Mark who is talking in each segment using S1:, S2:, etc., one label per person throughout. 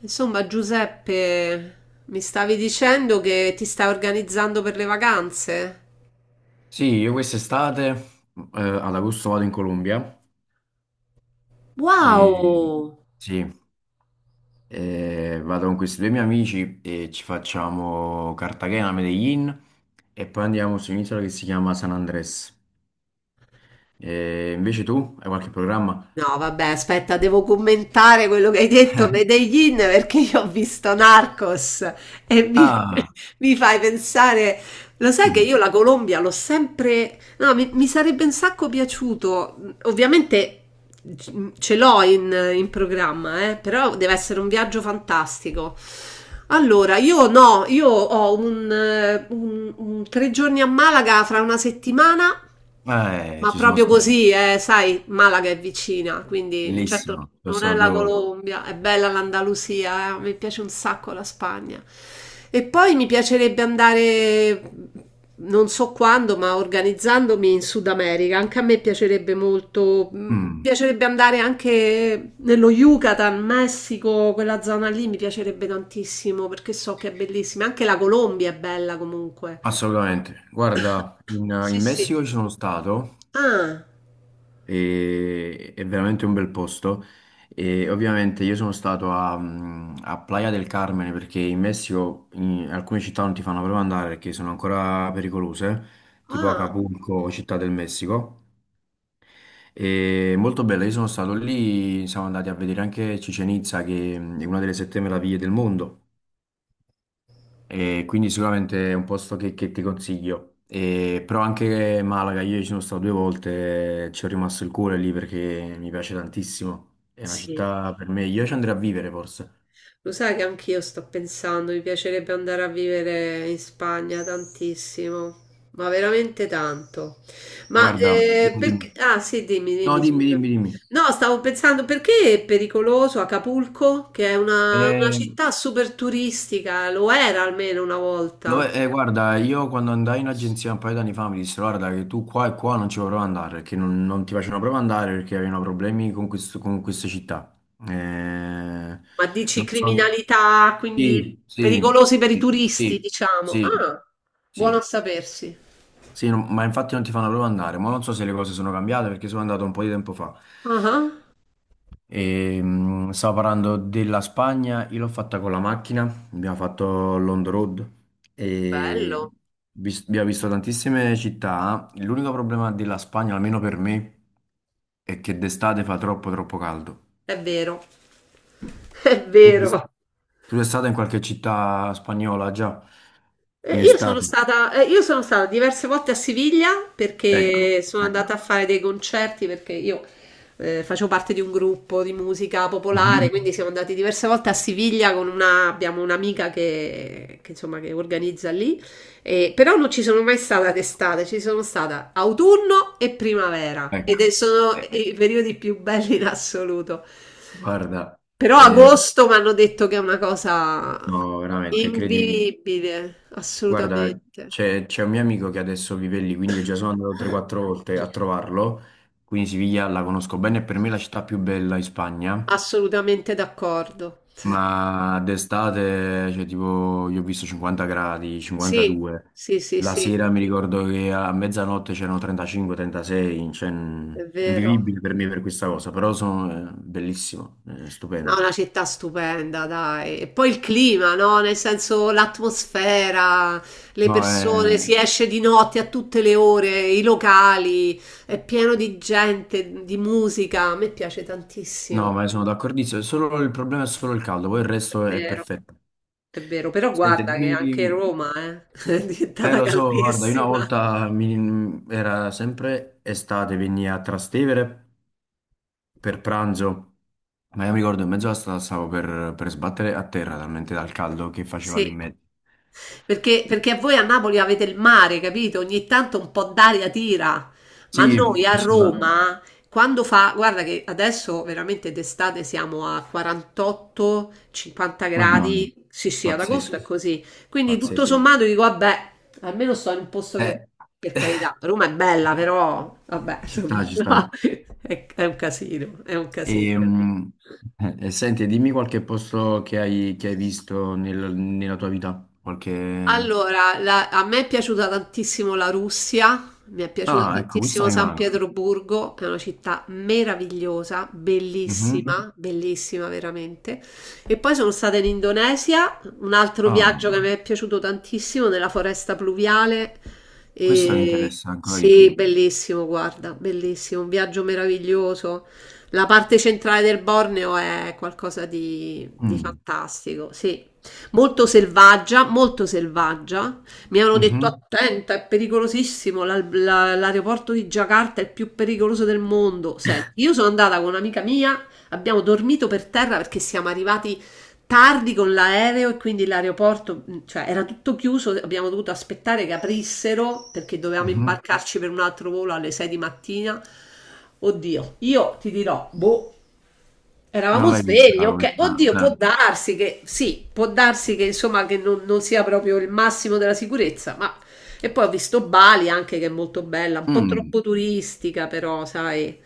S1: Insomma, Giuseppe, mi stavi dicendo che ti stai organizzando per le vacanze?
S2: Sì, io quest'estate ad agosto vado in Colombia e
S1: Wow!
S2: sì, vado con questi 2 miei amici e ci facciamo Cartagena, Medellin e poi andiamo su un'isola che si chiama San Andrés. E invece tu hai qualche programma?
S1: No, vabbè, aspetta, devo commentare quello che hai detto, Medellin, perché io ho visto Narcos e
S2: Ah,
S1: mi fai pensare, lo sai che
S2: mhm.
S1: io la Colombia l'ho sempre... No, mi sarebbe un sacco piaciuto, ovviamente c- ce l'ho in programma, però deve essere un viaggio fantastico. Allora, io no, io ho un tre giorni a Malaga fra una settimana. Ma
S2: Ci sono
S1: proprio
S2: stato,
S1: così, sai, Malaga è vicina, quindi certo
S2: bellissimo, sono
S1: non è
S2: stato due
S1: la
S2: volte.
S1: Colombia, è bella l'Andalusia, mi piace un sacco la Spagna. E poi mi piacerebbe andare, non so quando, ma organizzandomi in Sud America, anche a me piacerebbe molto, mi
S2: Mm,
S1: piacerebbe andare anche nello Yucatan, Messico, quella zona lì mi piacerebbe tantissimo perché so che è bellissima, anche la Colombia è bella comunque.
S2: assolutamente. Guarda,
S1: Sì,
S2: in
S1: sì.
S2: Messico ci sono stato
S1: Ah,
S2: è veramente un bel posto. E ovviamente io sono stato a Playa del Carmen perché in Messico in alcune città non ti fanno proprio andare perché sono ancora pericolose, tipo
S1: ah,
S2: Acapulco, Città del Messico. E molto bella, io sono stato lì, siamo andati a vedere anche Cicenizza che è una delle sette meraviglie del mondo. E quindi sicuramente è un posto che ti consiglio. Però anche Malaga, io ci sono stato 2 volte, ci ho rimasto il cuore lì perché mi piace tantissimo. È una
S1: sì.
S2: città per me, io ci andrei a vivere forse.
S1: Lo sai che anch'io sto pensando, mi piacerebbe andare a vivere in Spagna tantissimo, ma veramente tanto. Ma
S2: Guarda, dimmi,
S1: perché...
S2: dimmi.
S1: Ah sì, dimmi,
S2: No,
S1: dimmi,
S2: dimmi,
S1: scusa.
S2: dimmi, dimmi.
S1: No, stavo pensando perché è pericoloso Acapulco, che è una
S2: Eh,
S1: città super turistica, lo era almeno una volta,
S2: Guarda, io quando andai in agenzia un paio d'anni fa mi dissero, guarda, che tu qua e qua non ci puoi proprio andare, perché non ti facevano proprio andare perché avevano problemi con queste città. Eh,
S1: ma dici
S2: Non so.
S1: criminalità, quindi
S2: Sì, sì,
S1: pericolosi per i
S2: sì,
S1: turisti,
S2: sì,
S1: diciamo.
S2: sì,
S1: Ah, buono a
S2: sì,
S1: sapersi.
S2: sì, ma infatti non ti fanno proprio andare, ma non so se le cose sono cambiate perché sono andato un po' di tempo fa.
S1: Ah,
S2: Stavo parlando della Spagna, io l'ho fatta con la macchina, abbiamo fatto l'on the road e
S1: bello,
S2: abbiamo visto tantissime città. L'unico problema della Spagna, almeno per me, è che d'estate fa troppo troppo caldo.
S1: è vero, è
S2: Tu d'est-
S1: vero.
S2: Tu sei stata in qualche città spagnola già in estate?
S1: Io sono stata diverse volte a Siviglia
S2: Ecco,
S1: perché sono andata a
S2: ecco,
S1: fare dei concerti perché io facevo parte di un gruppo di musica popolare,
S2: mhm,
S1: quindi siamo andati diverse volte a Siviglia con una, abbiamo un'amica che, insomma, che organizza lì però non ci sono mai stata d'estate, ci sono stata autunno e primavera
S2: ecco.
S1: sono
S2: Eh,
S1: i periodi più belli in assoluto.
S2: guarda,
S1: Però
S2: eh,
S1: agosto mi hanno detto che è una cosa
S2: no, veramente, credimi.
S1: invivibile,
S2: Guarda,
S1: assolutamente.
S2: c'è un mio amico che adesso vive lì, quindi io già sono andato 3-4 volte a trovarlo, quindi Siviglia la conosco bene, per me è la città più bella in Spagna,
S1: Assolutamente d'accordo.
S2: ma d'estate, cioè tipo, io ho visto 50 gradi,
S1: Sì,
S2: 52,
S1: sì, sì,
S2: la
S1: sì,
S2: sera mi ricordo che a mezzanotte c'erano 35-36,
S1: è vero.
S2: invivibile per me per questa cosa, però sono bellissimo,
S1: No,
S2: stupendo.
S1: una città stupenda, dai. E poi il clima, no? Nel senso l'atmosfera, le
S2: No,
S1: persone, si
S2: eh,
S1: esce di notte a tutte le ore, i locali, è pieno di gente, di musica. A me piace tantissimo,
S2: no, ma sono d'accordissimo, solo il problema è solo il caldo, poi il resto
S1: è
S2: è
S1: vero,
S2: perfetto.
S1: è vero. Però
S2: Senti,
S1: guarda che anche
S2: dimmi-
S1: Roma, è diventata
S2: Lo so, guarda, io una
S1: caldissima.
S2: volta era sempre estate, venni a Trastevere per pranzo, ma io mi ricordo in mezzo alla strada stavo per sbattere a terra talmente dal caldo che faceva
S1: Sì.
S2: lì in mezzo.
S1: Perché, perché voi a Napoli avete il mare, capito? Ogni tanto un po' d'aria tira, ma
S2: Sì,
S1: noi a
S2: assolutamente.
S1: Roma, quando fa, guarda che adesso veramente d'estate siamo a 48-50
S2: Mamma mia,
S1: gradi, sì sì, ad agosto
S2: pazzesco,
S1: è così, quindi tutto
S2: pazzesco.
S1: sommato dico, vabbè, almeno sto in un posto che,
S2: Eh,
S1: per carità, Roma è bella, però, vabbè,
S2: ci
S1: insomma,
S2: sta, ci
S1: no,
S2: sta.
S1: è un casino, è un
S2: E,
S1: casino.
S2: mm, Senti, dimmi qualche posto che hai visto nella tua vita, qualche...
S1: Allora, a me è piaciuta tantissimo la Russia, mi è piaciuta
S2: Ah, ecco, questa
S1: tantissimo
S2: mi
S1: San
S2: manca.
S1: Pietroburgo, che è una città meravigliosa,
S2: Mhm.
S1: bellissima, bellissima veramente. E poi sono stata in Indonesia, un altro viaggio
S2: Ah,
S1: che mi è piaciuto tantissimo, nella foresta pluviale.
S2: questa mi
S1: E
S2: interessa ancora di
S1: sì,
S2: più.
S1: bellissimo, guarda, bellissimo, un viaggio meraviglioso. La parte centrale del Borneo è qualcosa di
S2: Mm,
S1: fantastico, sì molto selvaggia, molto selvaggia. Mi hanno detto
S2: mhm,
S1: attenta, è pericolosissimo, l'aeroporto di Jakarta è il più pericoloso del mondo. Senti, io sono andata con un'amica mia, abbiamo dormito per terra perché siamo arrivati tardi con l'aereo e quindi l'aeroporto, cioè era tutto chiuso, abbiamo dovuto aspettare che aprissero perché dovevamo
S2: mhm.
S1: imbarcarci per un altro volo alle 6 di mattina. Oddio, io ti dirò, boh,
S2: Non
S1: eravamo
S2: l'hai
S1: svegli,
S2: vista
S1: ok. Oddio, può
S2: questa?
S1: darsi che sì, può darsi che insomma che non sia proprio il massimo della sicurezza, ma e poi ho visto Bali anche che è molto bella, un
S2: Eh.
S1: po'
S2: Mm.
S1: troppo turistica, però, sai.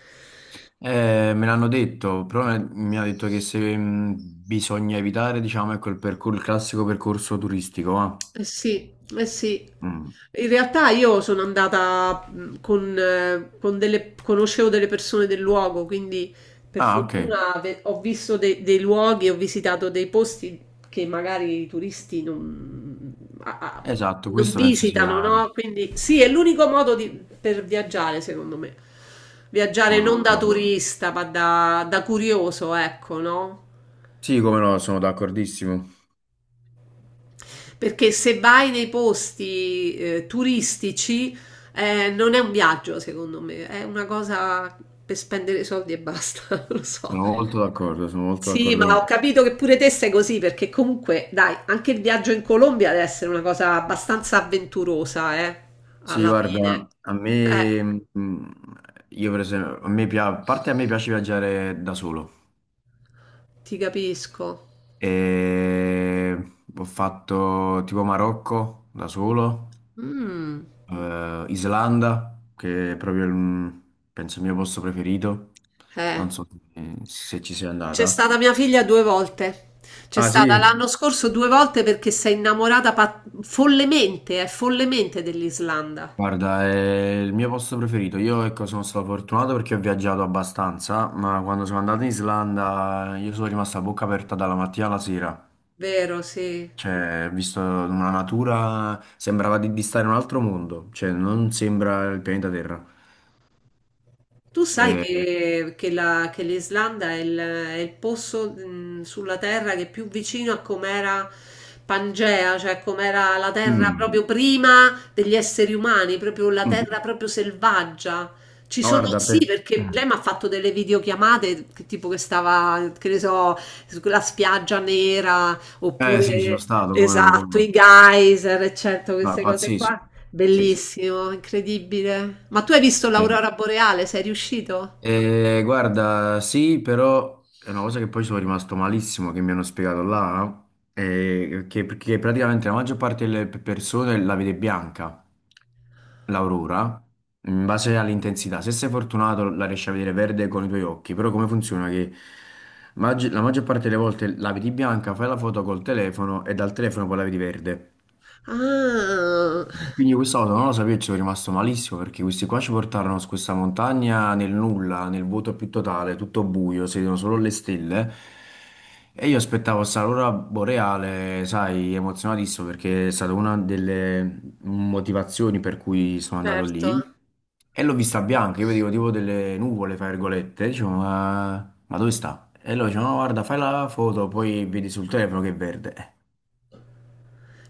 S2: Me l'hanno detto, però mi ha detto che se bisogna evitare, diciamo, ecco il classico percorso turistico, va?
S1: Eh sì, eh sì.
S2: Mm.
S1: In realtà io sono andata con delle, conoscevo delle persone del luogo, quindi per
S2: Ah, ok.
S1: fortuna ho visto dei luoghi, ho visitato dei posti che magari i turisti non, a- a-
S2: Esatto,
S1: non
S2: questo penso sia...
S1: visitano, no? Quindi sì, è l'unico per viaggiare, secondo me. Viaggiare
S2: Sono
S1: non da
S2: d'accordo.
S1: turista, ma da curioso, ecco, no?
S2: Sì, come no, sono d'accordissimo.
S1: Perché se vai nei posti, turistici, non è un viaggio secondo me, è una cosa per spendere soldi e basta, non lo so.
S2: Sono molto
S1: Sì,
S2: d'accordo
S1: ma
S2: con
S1: ho
S2: te.
S1: capito che pure te sei così, perché comunque, dai, anche il viaggio in Colombia deve essere una cosa abbastanza avventurosa,
S2: Sì,
S1: alla fine.
S2: guarda,
S1: Eh,
S2: mm, io per esempio, a parte a me piace viaggiare da solo.
S1: ti capisco.
S2: E ho fatto tipo Marocco da solo,
S1: Mm,
S2: Islanda, che è proprio penso il mio posto preferito.
S1: eh.
S2: Non so se ci sei
S1: C'è
S2: andata.
S1: stata mia figlia 2 volte. C'è
S2: Ah
S1: stata
S2: sì,
S1: l'anno scorso 2 volte perché follemente, follemente dell'Islanda.
S2: guarda, è il mio posto preferito. Io ecco, sono stato fortunato perché ho viaggiato abbastanza, ma quando sono andato in Islanda io sono rimasto a bocca aperta dalla mattina alla sera.
S1: Vero, sì.
S2: Cioè, visto una natura, sembrava di stare in un altro mondo, cioè non sembra il pianeta Terra.
S1: Tu sai
S2: Eh,
S1: che l'Islanda è è il posto sulla Terra che è più vicino a com'era Pangea, cioè com'era la Terra
S2: mm,
S1: proprio prima degli esseri umani, proprio la
S2: mm.
S1: Terra proprio selvaggia. Ci
S2: Ma
S1: sono,
S2: guarda,
S1: sì,
S2: per...
S1: perché
S2: Mm.
S1: lei mi ha fatto delle videochiamate che tipo che stava, che ne so, sulla spiaggia nera,
S2: Eh sì, ci sono
S1: oppure,
S2: stato, come no, come
S1: esatto,
S2: no.
S1: i geyser, eccetera,
S2: No, è
S1: queste cose
S2: pazzesco,
S1: qua.
S2: pazzesco.
S1: Bellissimo, incredibile. Ma tu hai visto
S2: Eh,
S1: l'aurora boreale? Sei riuscito?
S2: Guarda, sì, però è una cosa che poi sono rimasto malissimo, che mi hanno spiegato là, no? Che praticamente la maggior parte delle persone la vede bianca. L'aurora, in base all'intensità, se sei fortunato la riesci a vedere verde con i tuoi occhi, però come funziona che la maggior parte delle volte la vedi bianca, fai la foto col telefono e dal telefono poi la vedi verde.
S1: Ah,
S2: Quindi quest'auto non lo sapevo e ci sono rimasto malissimo perché questi qua ci portarono su questa montagna nel nulla, nel vuoto più totale, tutto buio, si vedono solo le stelle. E io aspettavo questa aurora boreale, sai, emozionatissimo perché è stata una delle motivazioni per cui sono andato
S1: certo.
S2: lì. E l'ho vista bianca, io vedevo tipo delle nuvole, fra virgolette, dicevo, ma dove sta? E loro dicevano, no, guarda, fai la foto, poi vedi sul telefono che è verde.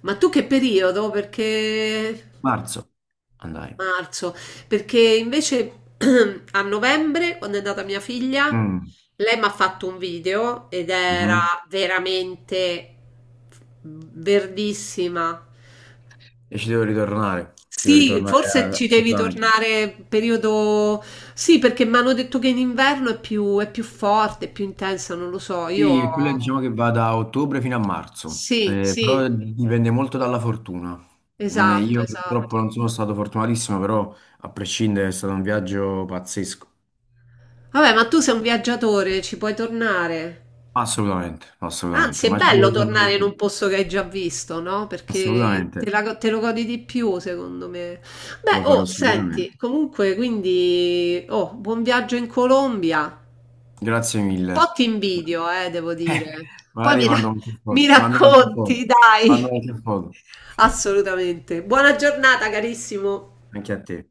S1: Ma tu che periodo? Perché
S2: Marzo, andai.
S1: marzo? Perché invece a novembre, quando è nata mia figlia,
S2: Mm.
S1: lei mi ha fatto un video ed
S2: Mhm.
S1: era veramente verdissima.
S2: E ci devo
S1: Sì,
S2: ritornare
S1: forse ci devi
S2: assolutamente.
S1: tornare periodo... Sì, perché mi hanno detto che in inverno è è più forte, è più intensa, non lo so. Io...
S2: Sì, e quello diciamo che va da ottobre fino a marzo,
S1: Sì,
S2: però
S1: sì,
S2: dipende molto dalla fortuna.
S1: esatto,
S2: Io purtroppo
S1: esatto.
S2: non sono stato fortunatissimo, però a prescindere è stato un viaggio pazzesco.
S1: Vabbè, ma tu sei un viaggiatore, ci puoi tornare.
S2: Assolutamente,
S1: Anzi,
S2: assolutamente,
S1: è
S2: ma ci devo
S1: bello
S2: ritornare
S1: tornare in
S2: ancora.
S1: un posto che hai già visto, no? Perché te,
S2: Assolutamente,
S1: te lo godi di più, secondo me. Beh,
S2: lo
S1: oh,
S2: farò
S1: senti,
S2: sicuramente.
S1: comunque, quindi, oh, buon viaggio in Colombia.
S2: Grazie mille.
S1: Po' ti invidio, devo
S2: Eh,
S1: dire. Poi
S2: magari
S1: mi
S2: mando
S1: ra-
S2: qualche
S1: mi
S2: foto, mando qualche foto,
S1: racconti, dai.
S2: mando qualche foto.
S1: Assolutamente. Buona giornata, carissimo.
S2: Anche a te.